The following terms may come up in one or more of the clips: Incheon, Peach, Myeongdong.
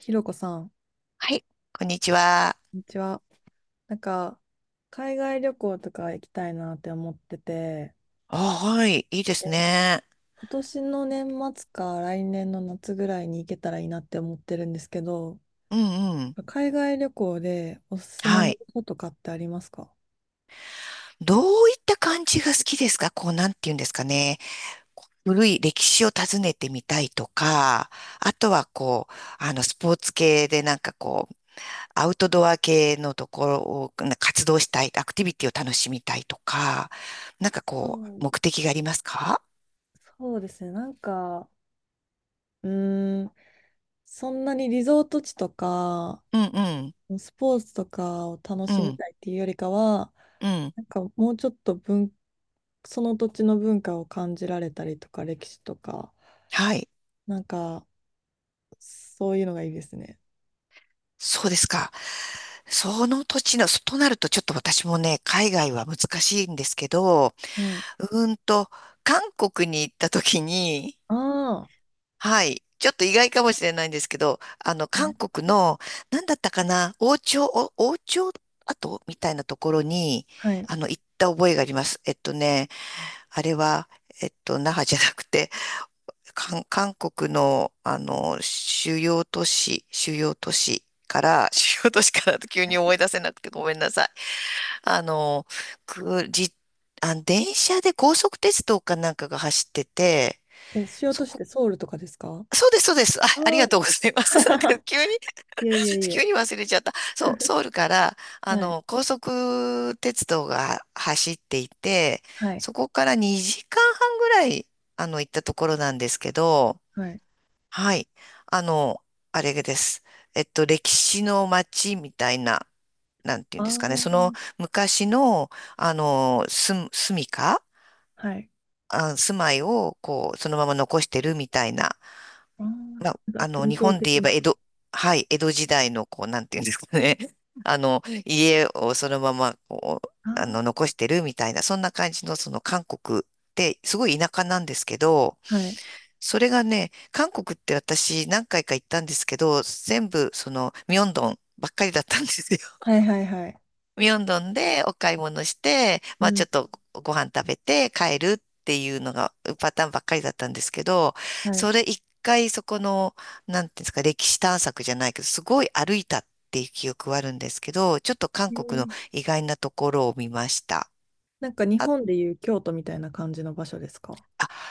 ひろこさん、こはい、こんにちは。んにちは。なんか、海外旅行とか行きたいなって思ってて、あ、はい、いいですね。今年の年末か来年の夏ぐらいに行けたらいいなって思ってるんですけど、うんうん。海外旅行でおすすめはのい。こととかってありますか？どういった感じが好きですか？こう、なんて言うんですかね。古い歴史を訪ねてみたいとか、あとはこう、スポーツ系でなんかこう、アウトドア系のところをな活動したい、アクティビティを楽しみたいとか、なんかそこうう、目ん的がありますか？そうですね、なんか、うーん、そんなにリゾート地とか、うんうん。スポーツとかを楽うしみんたいっていうよりかは、うん。なんかもうちょっとその土地の文化を感じられたりとか歴史とかはい。なんかそういうのがいいですね。そうですか。その土地の、そとなるとちょっと私もね、海外は難しいんですけど、はい。うーんと、韓国に行った時に、あはい、ちょっと意外かもしれないんですけど、あ。韓ね。国の、なんだったかな、王朝、お王朝跡みたいなところに、はい。行った覚えがあります。あれは、那覇じゃなくて、韓国の、主要都市、主要都市から、主要都市からと急に思い出せなくてごめんなさい。あの、く、じ、あ、電車で高速鉄道かなんかが走ってて、え、しようそとしこ、てソウルとかですか？そうです、そうです。あ、あありがあ。とうございます。なんか 急に、いえいえい急え。に忘れちゃった。そう、ソウルから、はい。高速鉄道が走っていて、はい。そこから2時間半ぐらい、行ったところなんですけど、はい。はい。あの、あれです。歴史の街みたいな、なんていうあんですかね。そのあ。昔の、住みか、はい。あ、住まいを、こう、そのまま残してるみたいな。ああ。まあ、なんか伝日統本で言的えな。ば江戸、はい、江戸時代の、こう、なんていうんですかね。家をそのまま、こう、あ残してるみたいな、そんな感じの、その韓国って、すごい田舎なんですけど、あ。はい。それがね、韓国って私何回か行ったんですけど、全部そのミョンドンばっかりだったんですよ。はいはいはい。ミョンドンでお買い物して、うまあちん。ょっとご飯食べて帰るっていうのがパターンばっかりだったんですけど、はい。それ一回そこの、なんていうんですか、歴史探索じゃないけど、すごい歩いたっていう記憶はあるんですけど、ちょっと韓え国のえ。意外なところを見ました。なんか日あ、本でいう京都みたいな感じの場所ですか？あ、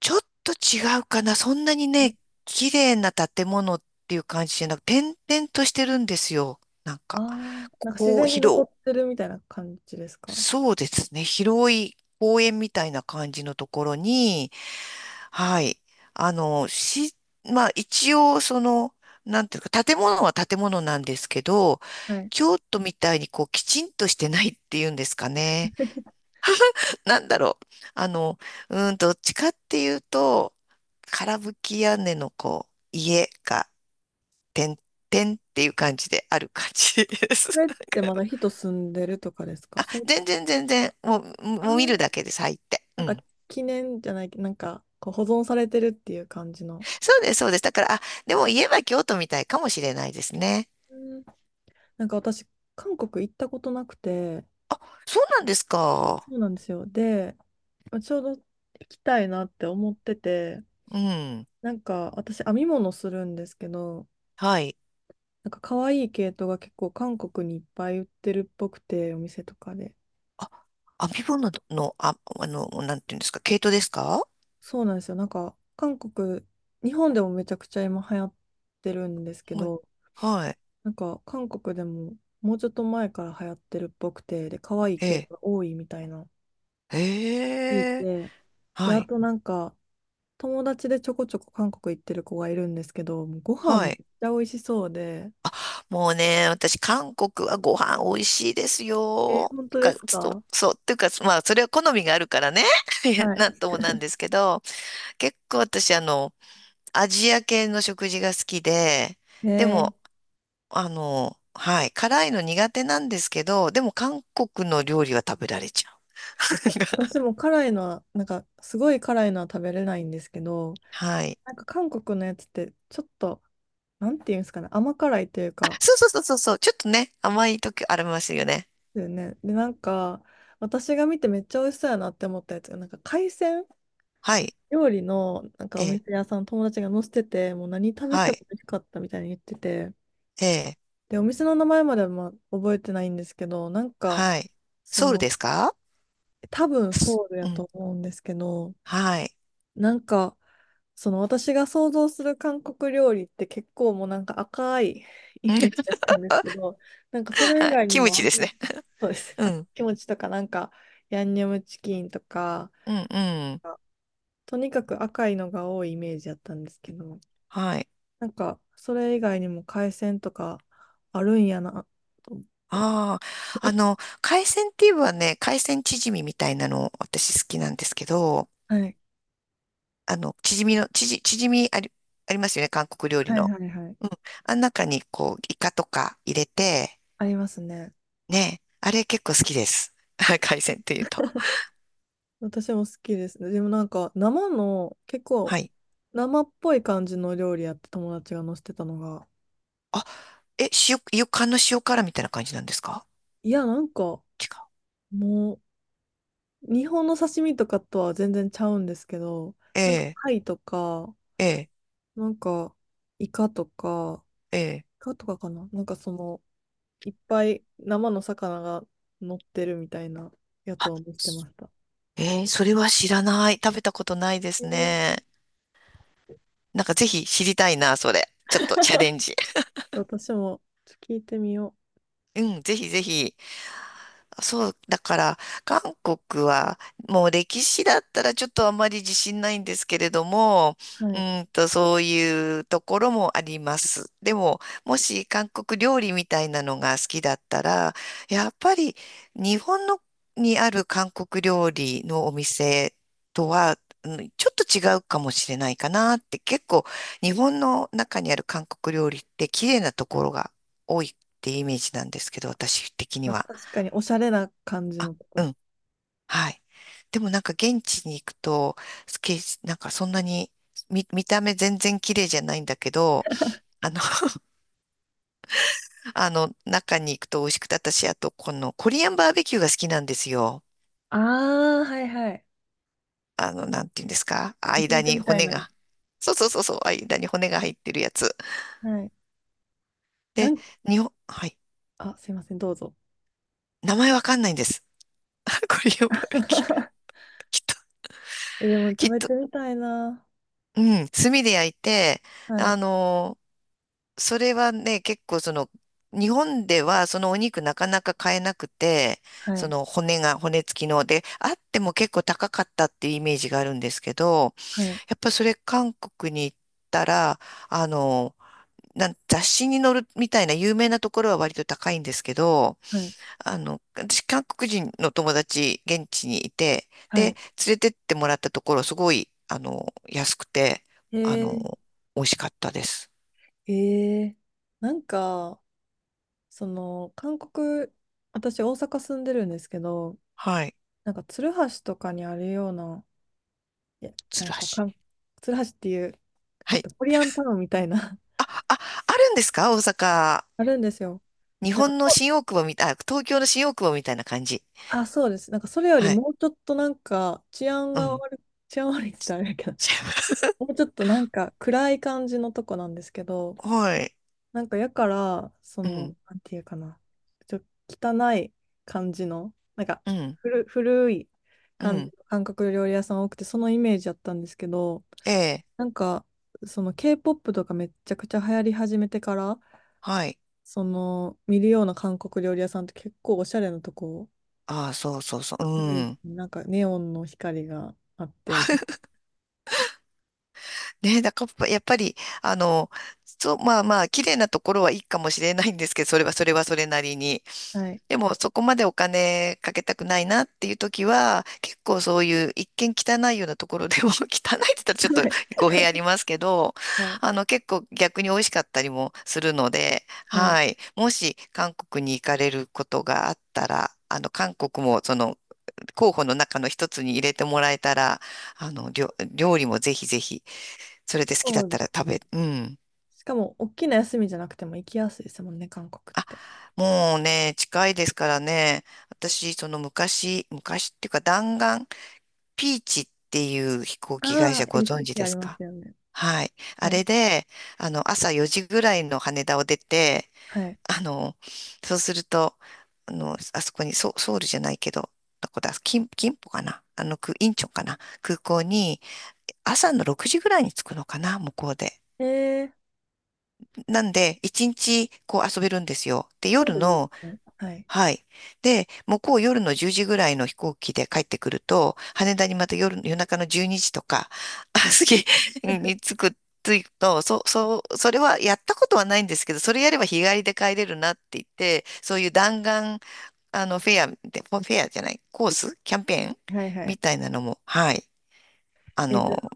ちょっと違うかな。そんなにね、綺麗な建物っていう感じじゃなく、点々としてるんですよ。なんああか、ー。こなんか自こ、然に残広、ってるみたいな感じですか？そうですね。広い公園みたいな感じのところに、はい。あの、し、まあ一応、その、なんていうか、建物は建物なんですけど、はい。京都みたいにこう、きちんとしてないっていうんですかね。なんだろう。あの、うーん、どっちかっていうと、空吹き屋根のこう、家が、てんてんっていう感じである感じでそす。れってまだ 人住んでるとかですか、あ、それ、全然全然、もう、あもう見るだあ、けで咲いて。なうんかん。記念じゃないけど、なんかこう保存されてるっていう感じの。そうです、そうです。だから、あ、でも家は京都みたいかもしれないですね。うん。なんか私、韓国行ったことなくて、そうなんですか。そうなんですよ。で、ちょうど行きたいなって思ってて、うん。なんか私、編み物するんですけど、はい。なんか可愛い系統が結構韓国にいっぱい売ってるっぽくて、お店とかで。あ、編み物の、あ、なんていうんですか、毛糸ですか？そうなんですよ。なんか韓国、日本でもめちゃくちゃ今流行ってるんですけはい。ど、はい。なんか韓国でももうちょっと前から流行ってるっぽくて、で、可愛いえ系え。統が多いみたいな聞いええ。て、で、はあい。となんか友達でちょこちょこ韓国行ってる子がいるんですけど、もうご飯はめっい。ちゃ美味しそうで、もうね、私、韓国はご飯美味しいですえー、よ。本当でか、すそう、か？そう、っていうか、まあ、それは好みがあるからね。いやはなんい。ともなんで すけど、結構私、アジア系の食事が好きで、へ。でも、はい、辛いの苦手なんですけど、でも韓国の料理は食べられちゃう。私 も辛いのは、なんかすごい辛いのは食べれないんですけど、はい。なんか韓国のやつってちょっと、なんていうんですかね、甘辛いというあ、か、そうそうそうそうそう、ちょっとね、甘い時ありますよね。ですよね。で、なんか私が見てめっちゃ美味しそうやなって思ったやつが、なんか海鮮はい、料理のなんかえおえ、店屋さん友達が載せてて、もう何食べはてもい、美味しかったみたいに言ってて、ええ、で、お店の名前まではまあ覚えてないんですけど、なんか、はい。そソウルの、ですか？多分ソウルやうん、と思うんですけど、はい。なんか、その私が想像する韓国料理って結構もうなんか赤いイうメん、ージだったんですけど、なんかそれは以い。 外 にキムもあチんですな、ね。そうです。うあ、ん。キムチとかなんか、ヤンニョムチキンとか、うん、うん。とにかく赤いのが多いイメージだったんですけど、はい。なんか、それ以外にも海鮮とかあるんやなと思って。ああ。あの、海鮮って言えばね、海鮮チヂミみたいなの私好きなんですけど、はい。あの、チヂミの、チヂミあり、ありますよね、韓国料理はいの。はいはい。うん。あん中にこう、イカとか入れて、ありますね。ね、あれ結構好きです。海鮮っていうと。私も好きですね。でもなんか、生の、結構、はい。生っぽい感じの料理やって友達が載せてたのが、あ、え、塩、イの塩辛みたいな感じなんですか？いや、なんか、違う。もう、日本の刺身とかとは全然ちゃうんですけど、えなんか、え、貝とか、ええ、なんか、イカとか、ええ。イカとかかななんかその、いっぱい生の魚が乗ってるみたいなやつあ、を見せてそ、ました。ええ、それは知らない。食べたことないでえすー、ね。なんかぜひ知りたいな、それ。ちょっとチャレンジ。私もちょっと聞いてみようん、ぜひぜひ。そう、だから、韓国は、もう歴史だったらちょっとあまり自信ないんですけれども、う。はい。そういうところもあります。でも、もし韓国料理みたいなのが好きだったら、やっぱり日本のにある韓国料理のお店とは、うん、ちょっと違うかもしれないかなって、結構日本の中にある韓国料理って綺麗なところが多いってイメージなんですけど、私的にまあ、は。確かにおしゃれな感じあ、のとこうとか。ん、はい。でもなんか現地に行くと、スケ、なんかそんなに、見、見た目全然綺麗じゃないんだけど、あの、中に行くと美味しくて、私、あと、このコリアンバーベキューが好きなんですよ。ああ、はいはい。なんていうんですか焼間肉にみたい骨な。が。そうそうそうそう、間に骨が入ってるやつ。はい。なで、ん日本、はい。あ、すいません、どうぞ。名前わかんないんです。コリアンバーベキュー。きっと、え、でもき食っべと、てみたいな。うん、炭で焼いて、はい。あの、それはね、結構その、日本ではそのお肉なかなか買えなくて、はそい、の骨が、骨付きので、あっても結構高かったっていうイメージがあるんですけど、はい、やっぱそれ韓国に行ったら、あの、なん雑誌に載るみたいな有名なところは割と高いんですけど、はい、私韓国人の友達現地にいて、はで、い。連れてってもらったところすごい、安くて、あの、え美味しかったです。ー、えー、なんか、その、韓国、私、大阪住んでるんですけど、はい。なんか、鶴橋とかにあるような、いや、な鶴んか橋。かん、鶴橋っていう、えはっい、と、コリアンタウンみたいな。 あ、あ、あるんですか？大阪。あるんですよ。日なんか、本の新大久保みたい、あ、東京の新大久保みたいな感じ。あ、そうです。なんか、それよりはい。もうちょっとなんか、治安うがん。悪い、治安悪いって言ったらあれだけど、もうちょっとなんか、暗い感じのとこなんですけど、はい。なんか、やから、そうの、ん。なんていうかな、ちょ、汚い感じの、なんか、うん。古いう感じん。の韓国料理屋さん多くて、そのイメージだったんですけど、ええ。なんか、その K-POP とかめっちゃくちゃ流行り始めてから、はい。その見るような韓国料理屋さんって結構おしゃれなとこああ、そうそうそう。多ういですん。ね。なんかネオンの光があってみたいねえ、だからやっぱり、あの、そう、まあまあ、綺麗なところはいいかもしれないんですけど、それはそれはそれなりに。な。はい。でも、そこまでお金かけたくないなっていう時は、結構そういう一見汚いようなところでも、汚いって言ったらちょっと汚い。語弊ありますけど、はい。結構逆に美味しかったりもするので、はい。はい。もし韓国に行かれることがあったら、韓国もその候補の中の一つに入れてもらえたら、料理もぜひぜひ。それで好きだそっうでたらす食べ、ね。うん。しかも、大きな休みじゃなくても行きやすいですもんね、韓国っあ、て。もうね、近いですからね。私、その昔、昔っていうか弾丸、ピーチっていう飛行機会あ社あ、ご存知 LCC でありすまか？すよね。はい。あはれい。で、朝4時ぐらいの羽田を出て、はい。あの、そうすると、あそこに、ソ、ソウルじゃないけど、どこだ、キン、キンポかな、あの、く、インチョンかな空港に、朝の6時ぐらいに着くのかな向こうで。えー、なんで、一日こう遊べるんですよ。で、ちょう夜どいいですの、ね。はい。はい。で、向こう夜の10時ぐらいの飛行機で帰ってくると、羽田にまた夜、夜中の12時とか、あ、すに着く、着くと、そ、そう、それはやったことはないんですけど、それやれば日帰りで帰れるなって言って、そういう弾丸、フェアで、フェアじゃない、コースキャンペーンはいはみい。たいなのも、はい、あえー、の、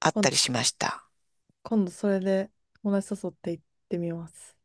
あっ今た度、りしました。今度それで友達誘って行ってみます。